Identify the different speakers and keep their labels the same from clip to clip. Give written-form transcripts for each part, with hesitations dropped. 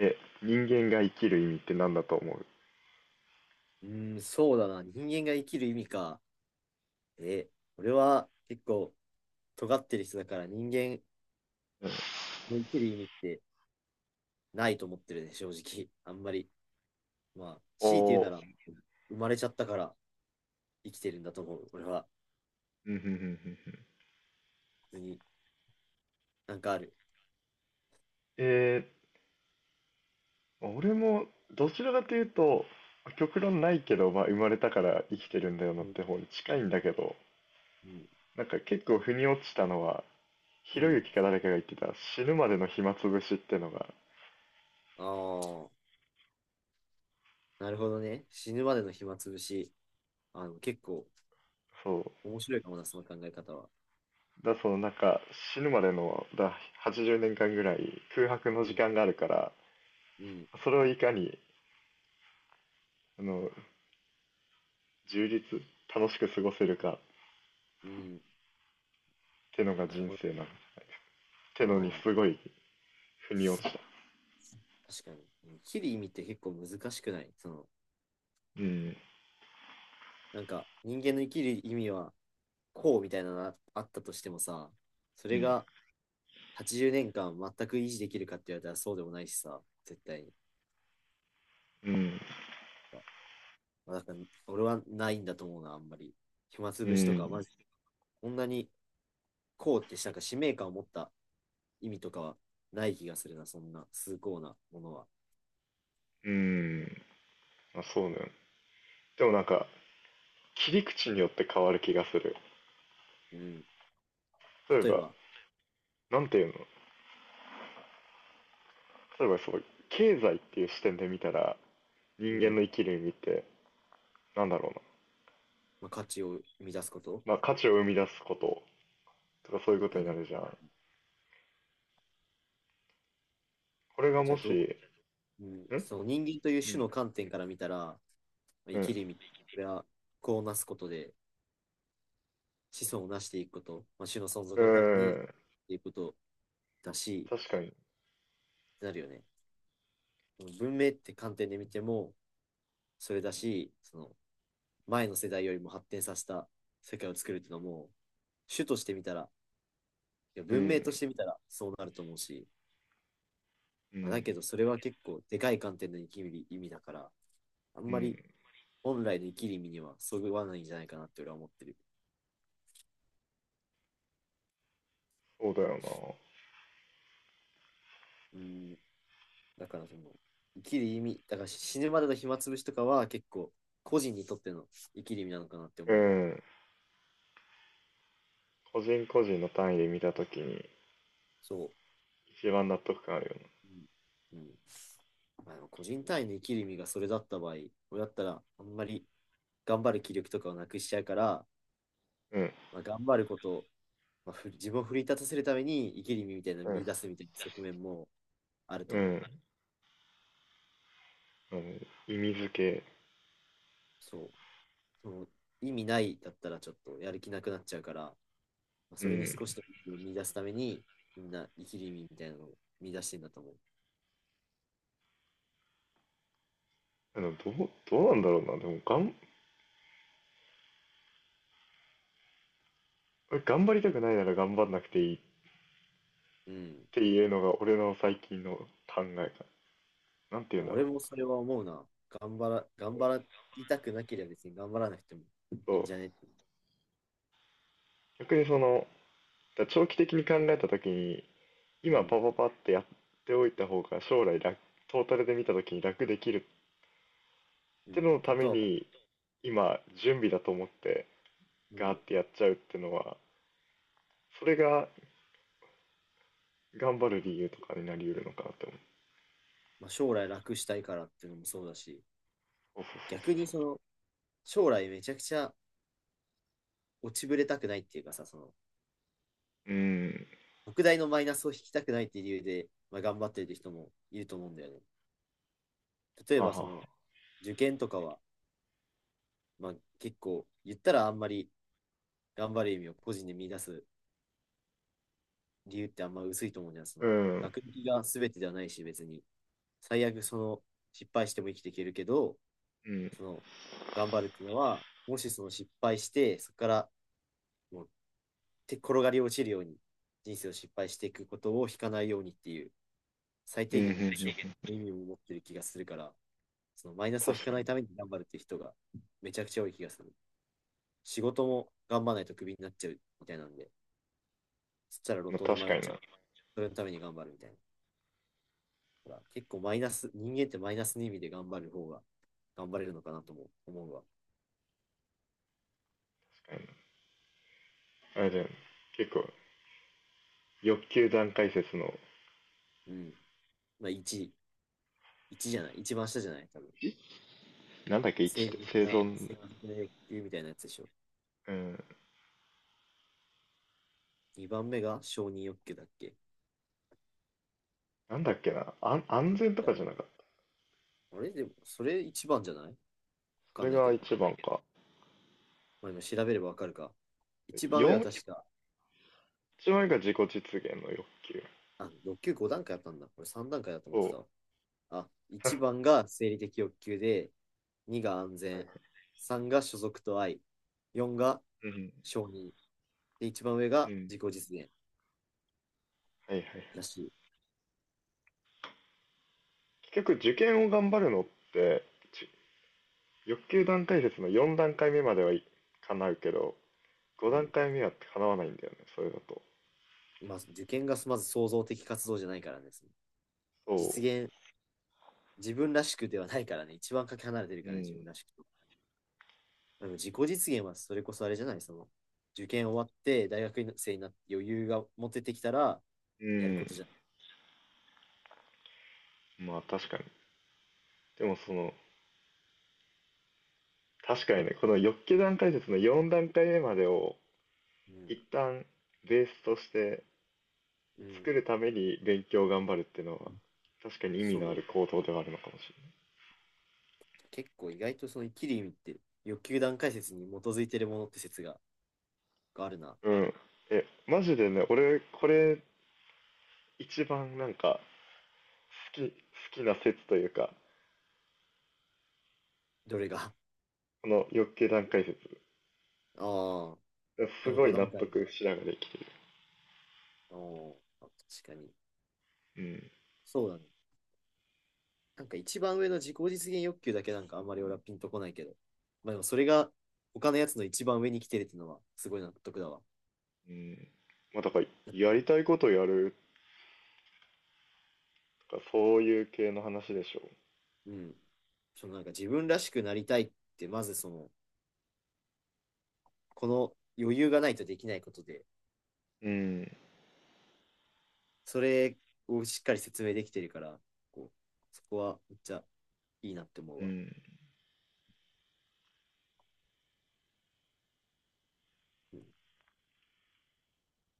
Speaker 1: え、人間が生きる意味って何だと思う？
Speaker 2: うーん、そうだな。人間が生きる意味か。え、俺は結構尖ってる人だから人間
Speaker 1: うん。
Speaker 2: の生きる意味ってないと思ってるね、正直。あんまり。まあ、
Speaker 1: お
Speaker 2: 強いて言
Speaker 1: ー。
Speaker 2: うなら、生まれちゃったから生きてるんだと思う。俺は、
Speaker 1: うん、うん、うん、うん、うん。
Speaker 2: 普通になんかある。
Speaker 1: え俺もどちらかというと極論ないけど、まあ、生まれたから生きてるんだよな
Speaker 2: う
Speaker 1: っ
Speaker 2: ん、
Speaker 1: て方に
Speaker 2: う
Speaker 1: 近い
Speaker 2: ん、
Speaker 1: んだけど、
Speaker 2: うん。
Speaker 1: なんか結構腑に落ちたのはひ
Speaker 2: う
Speaker 1: ろゆ
Speaker 2: ん。
Speaker 1: きか誰かが言ってた死ぬまでの暇つぶしってのが、
Speaker 2: ああ、なるほどね。死ぬまでの暇つぶし。あの、結構
Speaker 1: そ
Speaker 2: 面白いかもな、その考え方は。
Speaker 1: うだそのなんか死ぬまでのだ80年間ぐらい空白の
Speaker 2: う
Speaker 1: 時
Speaker 2: ん、
Speaker 1: 間があるから、
Speaker 2: うん、
Speaker 1: それをいかにあの充実、楽しく過ごせるかっ
Speaker 2: うん。
Speaker 1: てのが
Speaker 2: なる
Speaker 1: 人
Speaker 2: ほ
Speaker 1: 生
Speaker 2: ど。
Speaker 1: なんて
Speaker 2: あ
Speaker 1: のに
Speaker 2: あ。
Speaker 1: すごい腑に落ちた。
Speaker 2: 確かに。生きる意味って結構難しくない、その、
Speaker 1: うん、
Speaker 2: なんか人間の生きる意味はこうみたいなのがあったとしてもさ、そ
Speaker 1: う
Speaker 2: れ
Speaker 1: ん、
Speaker 2: が80年間全く維持できるかって言われたらそうでもないしさ、絶対に。
Speaker 1: うん、
Speaker 2: まあ、だから俺はないんだと思うな、あんまり。暇つ
Speaker 1: う
Speaker 2: ぶしとか、
Speaker 1: ん、
Speaker 2: まず、こんなにこうってなんか使命感を持った意味とかはない気がするな、そんな崇高なものは。
Speaker 1: うん。まあ、そうね。でもなんか、切り口によって変わる気がする。
Speaker 2: うん。
Speaker 1: 例え
Speaker 2: 例え
Speaker 1: ば、
Speaker 2: ば、
Speaker 1: なんていうの例えばそう、経済っていう視点で見たら、
Speaker 2: う
Speaker 1: 人間
Speaker 2: ん、
Speaker 1: の生きる意味って、なんだろうな。
Speaker 2: まあ、価値を生み出すこと
Speaker 1: まあ、価値を生み出すこととかそういうこと
Speaker 2: だ
Speaker 1: に
Speaker 2: ね。
Speaker 1: なるじゃん。これが
Speaker 2: じ
Speaker 1: も
Speaker 2: ゃあど、
Speaker 1: し、
Speaker 2: うん、
Speaker 1: う
Speaker 2: そう、人間という種
Speaker 1: ん。
Speaker 2: の観点から見たら、
Speaker 1: う
Speaker 2: 生
Speaker 1: ん。
Speaker 2: きる意味、それは子をなすことで子孫をなしていくこと、まあ、種の存
Speaker 1: う
Speaker 2: 続のためにっ
Speaker 1: ん。
Speaker 2: ていうことだし、
Speaker 1: 確かに。
Speaker 2: なるよね。文明って観点で見ても、それだし、その前の世代よりも発展させた世界を作るっていうのも、種として見たら、いや
Speaker 1: う
Speaker 2: 文明とし
Speaker 1: ん。
Speaker 2: て見たらそうなると思うし、
Speaker 1: う
Speaker 2: まあ、だけ
Speaker 1: ん。
Speaker 2: どそれは結構でかい観点の生きる意味だから、あん
Speaker 1: う
Speaker 2: まり
Speaker 1: ん。
Speaker 2: 本来の生きる意味にはそぐわないんじゃないかなって俺は思ってる。
Speaker 1: そうだよ
Speaker 2: うん、だからその、生きる意味、だから死ぬまでの暇つぶしとかは結構、個人にとっての生きる意味なのかなって
Speaker 1: な。う
Speaker 2: 思うわ。
Speaker 1: ん。個人個人の単位で見たときに、
Speaker 2: そ
Speaker 1: 一番納得感ある
Speaker 2: う。うん。うん。まあ、でも個人単位の生きる意味がそれだった場合、俺だったら、あんまり頑張る気力とかをなくしちゃうから、
Speaker 1: よね。
Speaker 2: まあ、頑張ることを、まあ、自分を奮い立たせるために生きる意味みたいなのを
Speaker 1: う
Speaker 2: 見
Speaker 1: ん、
Speaker 2: 出すみたいな側面もあると
Speaker 1: うん、
Speaker 2: 思
Speaker 1: う
Speaker 2: う。
Speaker 1: ん。あの意味付け。
Speaker 2: そう。その意味ないだったらちょっとやる気なくなっちゃうから、まあ
Speaker 1: う
Speaker 2: それに少
Speaker 1: ん。
Speaker 2: しでも見出すために、みんな生きる意味みたいなのを見出してんだと思う。
Speaker 1: どうなんだろうな。でも、頑張りたくないなら頑張んなくていいっ
Speaker 2: うん。
Speaker 1: ていうのが俺の最近の考えかな。なんて言うんだろ
Speaker 2: 俺も
Speaker 1: う。
Speaker 2: それは思うな。頑張りたくなければ別に頑張らなくてもいい
Speaker 1: そ
Speaker 2: ん
Speaker 1: う。
Speaker 2: じゃねって。
Speaker 1: 逆にその、だから長期的に考えた時に、
Speaker 2: う
Speaker 1: 今パ
Speaker 2: ん。
Speaker 1: パパってやっておいた方が将来楽、トータルで見た時に楽できるっ
Speaker 2: う
Speaker 1: て
Speaker 2: ん。
Speaker 1: のの
Speaker 2: こ
Speaker 1: ため
Speaker 2: とは、
Speaker 1: に、今、準備だと思って、
Speaker 2: う
Speaker 1: ガーっ
Speaker 2: ん。
Speaker 1: てやっちゃうってのは、それが頑張る理由とかになり得るのかなって思う。
Speaker 2: まあ、将来楽したいからっていうのもそうだし、
Speaker 1: そうそうそう
Speaker 2: 逆に
Speaker 1: そう、
Speaker 2: その、将来めちゃくちゃ落ちぶれたくないっていうかさ、その、
Speaker 1: うーん。
Speaker 2: 特大のマイナスを引きたくないっていう理由で、まあ、頑張ってる人もいると思うんだよね。例え
Speaker 1: は
Speaker 2: ば
Speaker 1: は
Speaker 2: そ
Speaker 1: は
Speaker 2: の、受験とかは、まあ、結構言ったらあんまり頑張る意味を個人で見出す理由ってあんま薄いと思うんじゃん。そ
Speaker 1: う
Speaker 2: の
Speaker 1: ん。
Speaker 2: 学歴が全てではないし、別に。最悪その失敗しても生きていけるけど、
Speaker 1: うん。
Speaker 2: その頑張るっていうのは、もしその失敗して、そこからもう手転がり落ちるように人生を失敗していくことを引かないようにっていう最
Speaker 1: う
Speaker 2: 低
Speaker 1: ん、う
Speaker 2: 限
Speaker 1: ん、
Speaker 2: の
Speaker 1: う
Speaker 2: 保証
Speaker 1: ん。
Speaker 2: の意味を持ってる気がするから、そのマイナスを引
Speaker 1: 確
Speaker 2: か
Speaker 1: か
Speaker 2: ない
Speaker 1: に。
Speaker 2: ために頑張るっていう人がめちゃくちゃ多い気がする。仕事も頑張らないとクビになっちゃうみたいなんで、そしたら路
Speaker 1: まあ、
Speaker 2: 頭に
Speaker 1: 確
Speaker 2: 迷
Speaker 1: か
Speaker 2: っ
Speaker 1: に
Speaker 2: ち
Speaker 1: な、
Speaker 2: ゃう。
Speaker 1: 確
Speaker 2: それのために頑張るみたいな。ほら結構マイナス、人間ってマイナスの意味で頑張る方が頑張れるのかなとも思うわ。
Speaker 1: かにな。あれだよね。結構、欲求段階説の、
Speaker 2: うん。まあ、1、一じゃない、一番下じゃない、多分。
Speaker 1: なんだっけ、1
Speaker 2: 生
Speaker 1: って
Speaker 2: 理的
Speaker 1: 生
Speaker 2: な、
Speaker 1: 存。
Speaker 2: 性的な欲求みたいなやつでしょ。
Speaker 1: うん。
Speaker 2: 2番目が承認欲求だっけ。
Speaker 1: なんだっけな、安全とかじゃなかった。
Speaker 2: あれでも、それ1番じゃないわ
Speaker 1: そ
Speaker 2: かん
Speaker 1: れ
Speaker 2: ないけ
Speaker 1: が
Speaker 2: ど。
Speaker 1: 一番か。
Speaker 2: まあ、今調べればわかるか。一番上は
Speaker 1: 4、
Speaker 2: 確か、
Speaker 1: 一番目が自己実現の欲求。
Speaker 2: あ、欲求5段階あったんだ。これ3段階だと思っ
Speaker 1: そ
Speaker 2: てたわ。あ、
Speaker 1: う。
Speaker 2: 1
Speaker 1: は
Speaker 2: 番が生理的欲求で、2が安
Speaker 1: いは
Speaker 2: 全、
Speaker 1: い。
Speaker 2: 3が所属と愛、4が
Speaker 1: うん。
Speaker 2: 承認で、一番上
Speaker 1: う
Speaker 2: が
Speaker 1: ん。
Speaker 2: 自己実現
Speaker 1: はいはい。
Speaker 2: だし、
Speaker 1: 結局受験を頑張るのって、ち欲求段階説の4段階目まではい叶うけど、5
Speaker 2: う
Speaker 1: 段
Speaker 2: ん。
Speaker 1: 階目は叶わないんだよね、それだと。
Speaker 2: まあ、受験がまず創造的活動じゃないからですね。
Speaker 1: そ
Speaker 2: 実現、自分らしくではないからね。一番かけ離れてる
Speaker 1: う。う
Speaker 2: からね、自分
Speaker 1: ん。
Speaker 2: らしくと。でも自己実現はそれこそあれじゃない、その、受験終わって大学生になって余裕が持ててきたら、
Speaker 1: う
Speaker 2: やるこ
Speaker 1: ん。
Speaker 2: とじゃん。
Speaker 1: まあ、確かに。でもその、確かにね、この欲求段階説の4段階目までを
Speaker 2: うん。
Speaker 1: 一旦ベースとして
Speaker 2: うん。
Speaker 1: 作るために勉強を頑張るっていうのは、確かに意味
Speaker 2: そ
Speaker 1: のあ
Speaker 2: う。
Speaker 1: る行動ではあるのかもし
Speaker 2: 結構意外とその生きる意味って、欲求段階説に基づいてるものって説がある
Speaker 1: れない。
Speaker 2: な。
Speaker 1: うん。え、マジでね、俺、これ一番なんか好きな説というか、
Speaker 2: どれが。
Speaker 1: この欲求段階説、
Speaker 2: ああ、こ
Speaker 1: す
Speaker 2: の
Speaker 1: ご
Speaker 2: 5
Speaker 1: い納
Speaker 2: 段階。
Speaker 1: 得しながら生きてる。
Speaker 2: ああ、確かに。
Speaker 1: うん。
Speaker 2: そうだね。なんか一番上の自己実現欲求だけなんかあんまり俺はピンとこないけど。まあでもそれが他のやつの一番上に来てるっていうのはすごい納得だわ。
Speaker 1: うん。まあ、だから、やりたいことやるとか、そういう系の話でしょ
Speaker 2: うん。そのなんか自分らしくなりたいって、まずその、この余裕がないとできないことで、
Speaker 1: う。うん、
Speaker 2: それをしっかり説明できてるから、こう、そこはめっちゃいいなって思う
Speaker 1: う
Speaker 2: わ。
Speaker 1: ん、
Speaker 2: うん、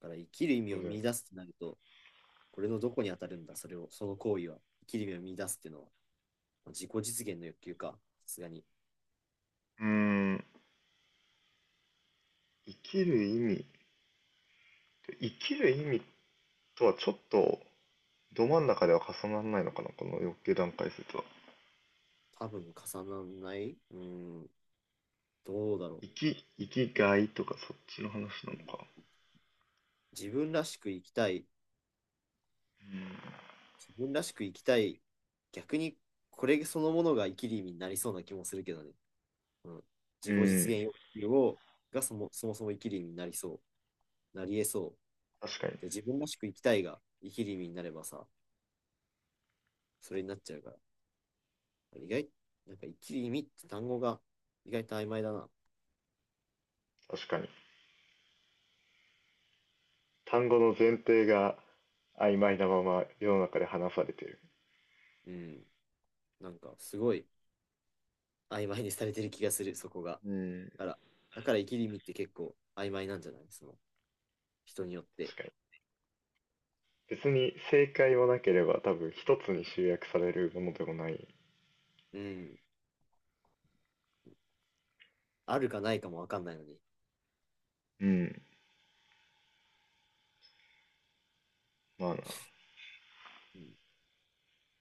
Speaker 2: だから生きる意味
Speaker 1: そう
Speaker 2: を
Speaker 1: だよ
Speaker 2: 見
Speaker 1: ね。
Speaker 2: 出すってなると、これのどこに当たるんだ、それを、その行為は。生きる意味を見出すっていうのは、自己実現の欲求か。さすがに
Speaker 1: うん、生きる意味、生きる意味とはちょっと、ど真ん中では重ならないのかな、この欲求段階説は。
Speaker 2: 多分重ならない。うん、どうだろ
Speaker 1: 生きがいとかそっちの話なのか。
Speaker 2: う。自分らしく生きたい。自分らしく生きたい。逆にこれそのものが生きる意味になりそうな気もするけどね。うん、
Speaker 1: う
Speaker 2: 自己実
Speaker 1: ん、
Speaker 2: 現欲求がそもそも生きる意味になりそう。なり得そう。
Speaker 1: 確かに、
Speaker 2: で、自分らしく生きたいが生きる意味になればさ、それになっちゃうから。意外、なんか生きる意味って単語が意外と曖昧だな。
Speaker 1: 確かに。単語の前提が曖昧なまま世の中で話されてる。
Speaker 2: うん。なんかすごい曖昧にされてる気がする、そこが。
Speaker 1: うん、
Speaker 2: から、だから生きりみって結構曖昧なんじゃない、その人によって。
Speaker 1: 確かに。別に正解もなければ多分一つに集約されるものでもない。
Speaker 2: うん。あるかないかもわかんないのに。
Speaker 1: うん、まあな。
Speaker 2: うん。